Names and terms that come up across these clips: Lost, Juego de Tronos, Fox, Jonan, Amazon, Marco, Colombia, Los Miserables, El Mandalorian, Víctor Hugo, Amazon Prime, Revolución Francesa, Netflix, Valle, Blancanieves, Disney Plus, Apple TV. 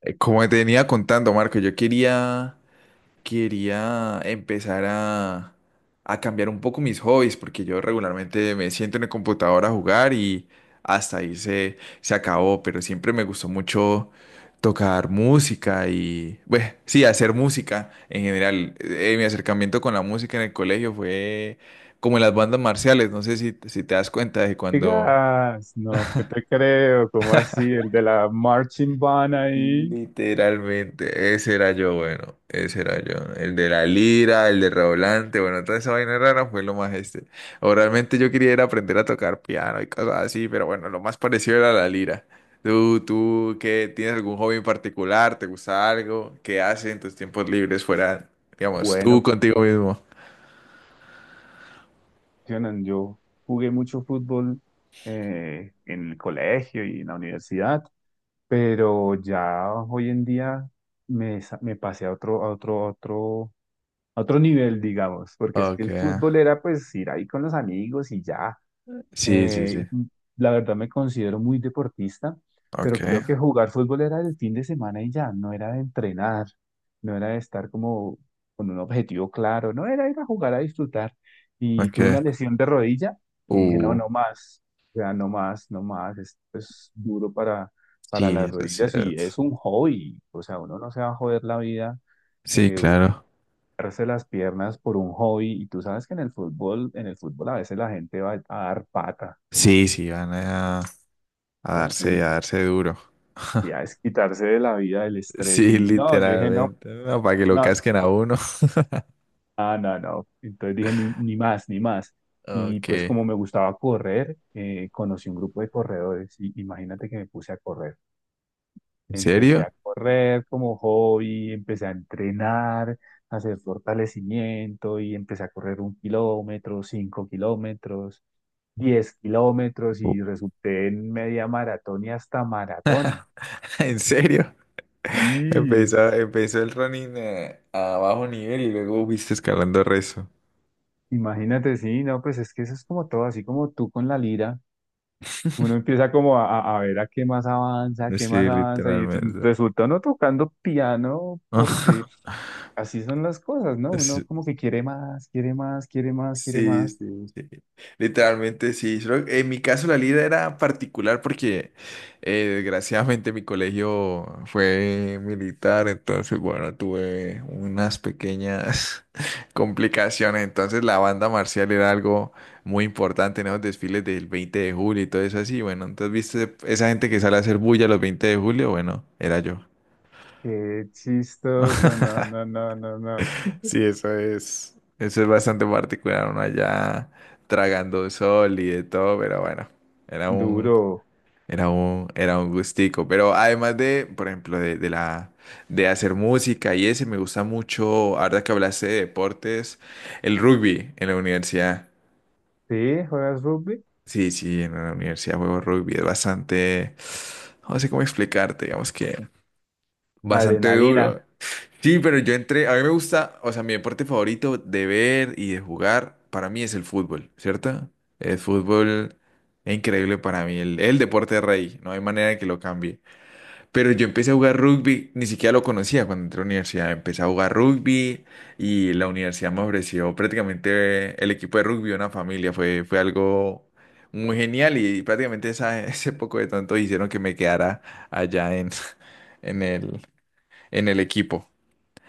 Como te venía contando, Marco, yo quería empezar a cambiar un poco mis hobbies, porque yo regularmente me siento en el computador a jugar y hasta ahí se acabó, pero siempre me gustó mucho tocar música y, bueno, sí, hacer música en general. Mi acercamiento con la música en el colegio fue como en las bandas marciales, no sé si te das cuenta de cuando. Digas, no, ¿qué te creo? ¿Cómo así? El de la marching band ahí. Literalmente, ese era yo, bueno, ese era yo. El de la lira, el de redoblante, bueno, toda esa vaina rara fue lo más este. O realmente yo quería era aprender a tocar piano y cosas así, pero bueno, lo más parecido era la lira. ¿Tú qué tienes algún hobby en particular? ¿Te gusta algo? ¿Qué haces en tus tiempos libres fuera, digamos, tú Bueno, contigo mismo? Jonan, yo jugué mucho fútbol en el colegio y en la universidad, pero ya hoy en día me pasé a otro nivel, digamos, porque es que Ok, el fútbol era pues ir ahí con los amigos y ya. sí, sí, sí. Eh, la verdad me considero muy deportista, Ok, pero creo que jugar fútbol era el fin de semana y ya, no era de entrenar, no era de estar como con un objetivo claro, no era ir a jugar a disfrutar. Y tuve una ok. lesión de rodilla y dije, no, Uh, no más, o sea, no más, no más, esto es duro para sí, las eso es rodillas y cierto. es un hobby, o sea, uno no se va a joder la vida. Sí, Eh, claro. Darse las piernas por un hobby y tú sabes que en el fútbol, a veces la gente va a dar pata. Sí, sí, van a... A Entonces, darse, a darse duro. ya es quitarse de la vida el estrés Sí, y no, yo dije no, literalmente. No, para que lo no, casquen a uno. no, no, no. Entonces dije ni más, ni más. Y Ok. pues como me gustaba correr, conocí un grupo de corredores y imagínate que me puse a correr. ¿En Empecé serio? a correr como hobby, empecé a entrenar, a hacer fortalecimiento y empecé a correr 1 kilómetro, 5 kilómetros, 10 kilómetros Uh. y resulté en media maratón y hasta maratón. ¿En serio? Sí, Empezó el running a bajo nivel y luego viste escalando rezo. imagínate, sí, no, pues es que eso es como todo, así como tú con la lira, uno empieza como a ver a qué más avanza, a qué más Sí, avanza, y literalmente. resulta uno tocando piano, porque así son las cosas, ¿no? Uno Sí. como que quiere más, quiere más, quiere más, quiere Sí, más. sí, sí. Literalmente sí. Solo en mi caso la lira era particular porque desgraciadamente mi colegio fue militar, entonces bueno, tuve unas pequeñas complicaciones. Entonces la banda marcial era algo muy importante en esos desfiles del 20 de julio y todo eso así. Bueno, entonces viste esa gente que sale a hacer bulla los 20 de julio, bueno, era yo. Qué chistoso, no, no, no, no, no. Sí, eso es bastante particular, uno allá tragando sol y de todo, pero bueno, era un, Duro. era un gustico. Pero además de, por ejemplo, de la, de hacer música y ese, me gusta mucho, ahora que hablaste de deportes, el rugby en la universidad. ¿Sí? ¿Juegas rugby? Sí, sí, en la universidad juego rugby, es bastante, no sé cómo explicarte, digamos que bastante Adrenalina, duro. Sí, pero yo entré, a mí me gusta, o sea, mi deporte favorito de ver y de jugar para mí es el fútbol, ¿cierto? El fútbol es increíble para mí, el deporte rey, no hay manera de que lo cambie. Pero yo empecé a jugar rugby, ni siquiera lo conocía cuando entré a la universidad, empecé a jugar rugby y la universidad me ofreció prácticamente el equipo de rugby, una familia, fue, fue algo muy genial y prácticamente ese poco de tonto hicieron que me quedara allá en el, en el equipo.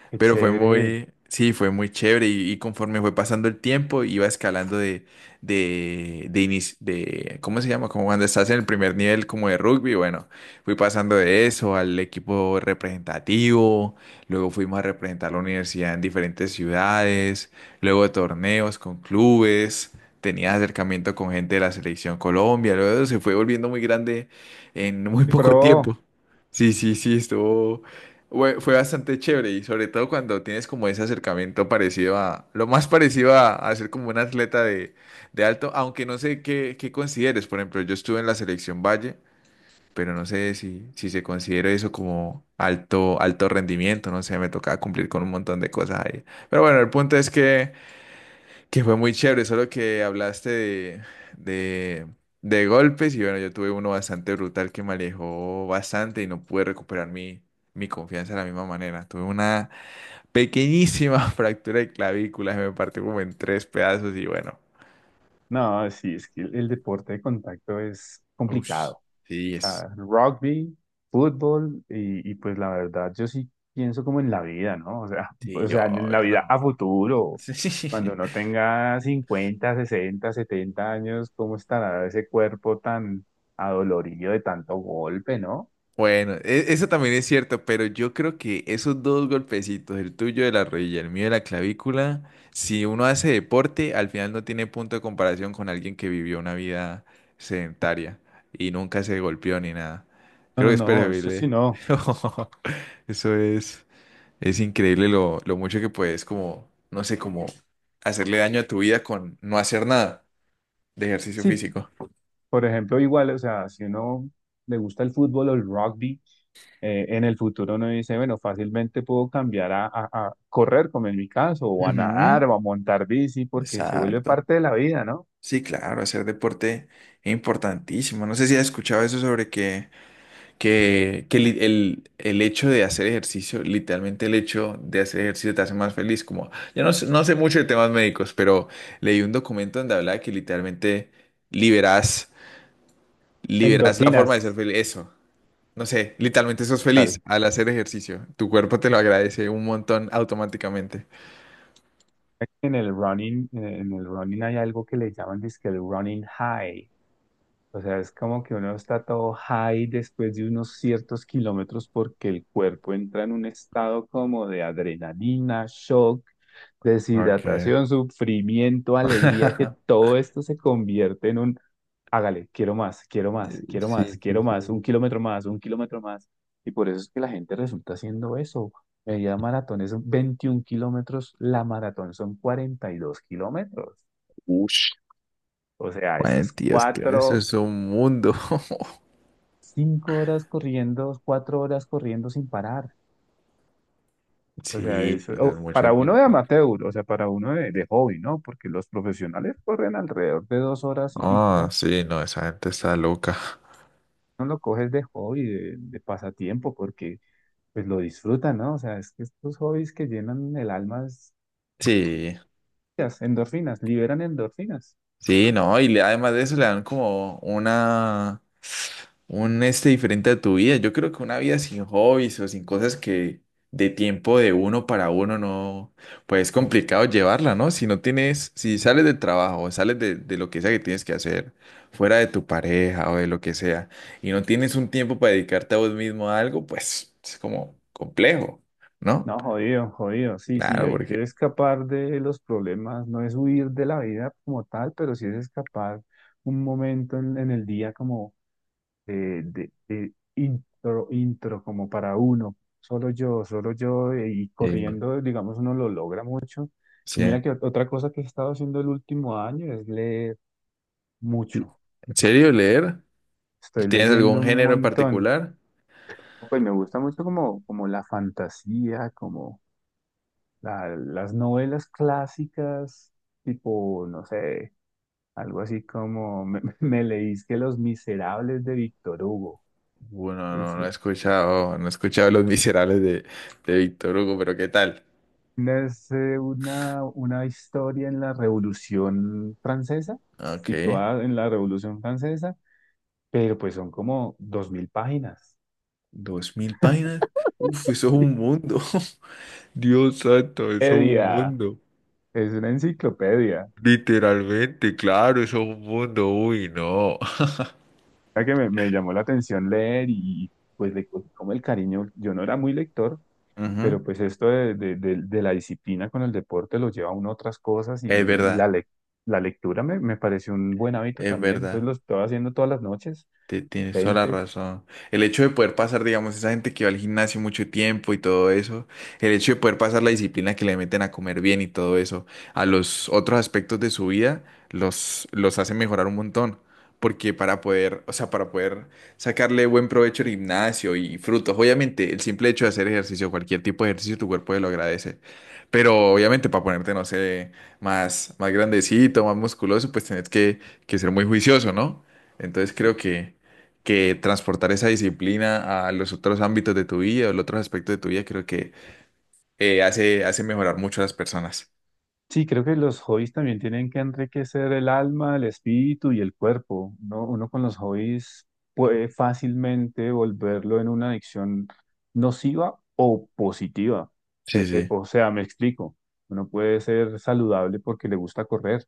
qué Pero fue chévere. muy, sí, fue muy chévere y conforme fue pasando el tiempo iba escalando de, ¿cómo se llama? Como cuando estás en el primer nivel como de rugby, bueno, fui pasando de eso al equipo representativo, luego fuimos a representar la universidad en diferentes ciudades, luego torneos con clubes. Tenía acercamiento con gente de la selección Colombia, luego se fue volviendo muy grande en muy poco Pro. tiempo. Sí, sí, sí, estuvo, fue bastante chévere y sobre todo cuando tienes como ese acercamiento parecido a, lo más parecido a ser como un atleta de alto, aunque no sé qué, qué consideres. Por ejemplo, yo estuve en la selección Valle, pero no sé si, si se considera eso como alto, alto rendimiento, no sé, me tocaba cumplir con un montón de cosas ahí. Pero bueno, el punto es que fue muy chévere, solo que hablaste de, de golpes y bueno, yo tuve uno bastante brutal que me alejó bastante y no pude recuperar mi confianza de la misma manera. Tuve una pequeñísima fractura de clavícula, se me partió como en tres pedazos y bueno, No, sí, es que el deporte de contacto es uff, complicado. sí, Ah, rugby, fútbol y pues la verdad yo sí pienso como en la vida, ¿no? O sea, o sí, sea, en la obvio, vida ¿no? a futuro, cuando Sí. uno tenga 50, 60, 70 años, ¿cómo estará ese cuerpo tan adolorido de tanto golpe, no? Bueno, eso también es cierto, pero yo creo que esos dos golpecitos, el tuyo de la rodilla, el mío de la clavícula, si uno hace deporte, al final no tiene punto de comparación con alguien que vivió una vida sedentaria y nunca se golpeó ni nada. No, Creo que no, es no, eso sí preferible. no. Eso es increíble lo mucho que puedes como, no sé, como hacerle daño a tu vida con no hacer nada de ejercicio Sí, físico. por ejemplo, igual, o sea, si uno le gusta el fútbol o el rugby, en el futuro uno dice, bueno, fácilmente puedo cambiar a, a correr, como en mi caso, o a nadar, Ujú, o a montar bici, porque se vuelve exacto. parte de la vida, ¿no? Sí, claro, hacer deporte es importantísimo. No sé si has escuchado eso sobre el hecho de hacer ejercicio, literalmente el hecho de hacer ejercicio te hace más feliz. Como, yo no, no sé mucho de temas médicos, pero leí un documento donde hablaba que literalmente liberas, liberas la forma de ser Endorfinas, feliz. Eso, no sé, literalmente sos tal. feliz al hacer ejercicio. Tu cuerpo te lo agradece un montón automáticamente. En el running hay algo que le llaman, dizque el running high. O sea, es como que uno está todo high después de unos ciertos kilómetros porque el cuerpo entra en un estado como de adrenalina, shock, Ok. deshidratación, sufrimiento, alegría, que todo esto se convierte en un, hágale, quiero más, quiero más, Eh, quiero más, Sí, sí, quiero sí. más, un kilómetro más, un kilómetro más. Y por eso es que la gente resulta haciendo eso. Media maratón es 21 kilómetros, la maratón son 42 kilómetros. Ush. O sea, eso Bueno, es Dios, que eso 4, es un mundo. 5 horas corriendo, 4 horas corriendo sin parar. O sea, Sí, sí, eso, eso es o mucho para uno de tiempo. amateur, o sea, para uno de hobby, ¿no? Porque los profesionales corren alrededor de 2 horas y pico, Ah, ¿no? sí, no, esa gente está loca. No lo coges de hobby, de pasatiempo, porque pues lo disfrutan, ¿no? O sea, es que estos hobbies que llenan el alma, Sí, las endorfinas, liberan endorfinas. sí, no, y además de eso le dan como una. Un este diferente a tu vida. Yo creo que una vida sin hobbies o sin cosas que de tiempo de uno para uno no, pues es complicado llevarla, ¿no? Si no tienes, si sales del trabajo, sales de lo que sea que tienes que hacer, fuera de tu pareja o de lo que sea, y no tienes un tiempo para dedicarte a vos mismo a algo, pues es como complejo, ¿no? No, jodido, jodido, sí, sí, Claro, hay que porque escapar de los problemas, no es huir de la vida como tal, pero sí es escapar un momento en el día como de intro, como para uno, solo yo, y sí, corriendo, digamos, uno lo logra mucho. sí. Y mira que otra cosa que he estado haciendo el último año es leer mucho. ¿En serio leer? Estoy ¿Tienes leyendo algún un género en montón. particular? Pues me gusta mucho como la fantasía, como las novelas clásicas, tipo, no sé, algo así como me, me leís que Los Miserables de Víctor Hugo. Bueno, no, Es, no he escuchado, no he escuchado Los Miserables de Víctor Hugo, pero ¿qué tal? es una historia en la Revolución Francesa, Ok, situada en la Revolución Francesa, pero pues son como 2.000 páginas. 2.000 páginas. Uf, eso es un mundo. Dios santo, eso es un Edia, mundo. es una enciclopedia. Literalmente, claro, eso es un mundo. Uy, no. Mira que me llamó la atención leer y pues le cogí como el cariño, yo no era muy lector, pero Ujú. pues esto de la disciplina con el deporte lo lleva a uno a otras cosas y, Es y verdad, la, lec- la lectura me pareció un buen hábito es también, entonces verdad. lo estaba haciendo todas las noches, Tienes toda la 20. razón. El hecho de poder pasar, digamos, esa gente que va al gimnasio mucho tiempo y todo eso, el hecho de poder pasar la disciplina que le meten a comer bien y todo eso, a los otros aspectos de su vida, los hace mejorar un montón. Porque para poder, o sea, para poder sacarle buen provecho al gimnasio y frutos, obviamente, el simple hecho de hacer ejercicio, cualquier tipo de ejercicio, tu cuerpo te lo agradece. Pero obviamente para ponerte, no sé, más grandecito, más musculoso, pues tenés que ser muy juicioso, ¿no? Entonces creo que transportar esa disciplina a los otros ámbitos de tu vida o los otros aspectos de tu vida, creo que hace mejorar mucho a las personas. Sí, creo que los hobbies también tienen que enriquecer el alma, el espíritu y el cuerpo, ¿no? Uno con los hobbies puede fácilmente volverlo en una adicción nociva o positiva. Sí, sí, O sea, me explico. Uno puede ser saludable porque le gusta correr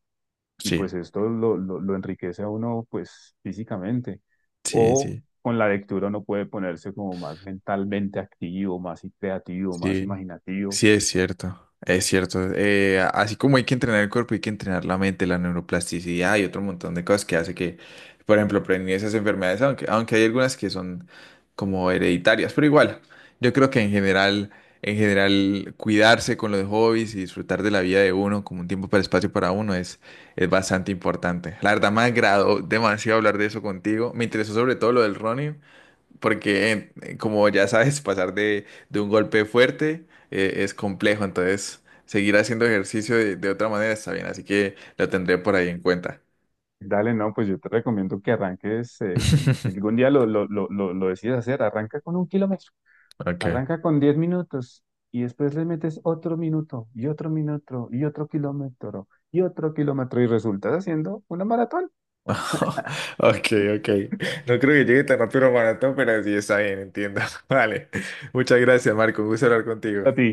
y sí, pues esto lo enriquece a uno pues físicamente. sí, O sí, con la lectura uno puede ponerse como más mentalmente activo, más creativo, más sí. imaginativo. Sí, es cierto, es cierto. Así como hay que entrenar el cuerpo, hay que entrenar la mente, la neuroplasticidad y otro montón de cosas que hace que, por ejemplo, prevenir esas enfermedades, aunque hay algunas que son como hereditarias, pero igual, yo creo que en general, cuidarse con los hobbies y disfrutar de la vida de uno como un tiempo para espacio para uno es bastante importante. La verdad, me agradó demasiado hablar de eso contigo. Me interesó sobre todo lo del running porque como ya sabes, pasar de un golpe fuerte es complejo, entonces seguir haciendo ejercicio de otra manera está bien, así que lo tendré por ahí en cuenta. Dale, no, pues yo te recomiendo que arranques, si algún día lo decides hacer, arranca con 1 kilómetro, Ok. arranca con 10 minutos y después le metes otro minuto y otro minuto y otro kilómetro y otro kilómetro y resultas haciendo una maratón. Ok, ok. No creo que llegue tan rápido al maratón, pero sí está bien, entiendo. Vale. Muchas gracias, Marco. Un gusto hablar A contigo. ti.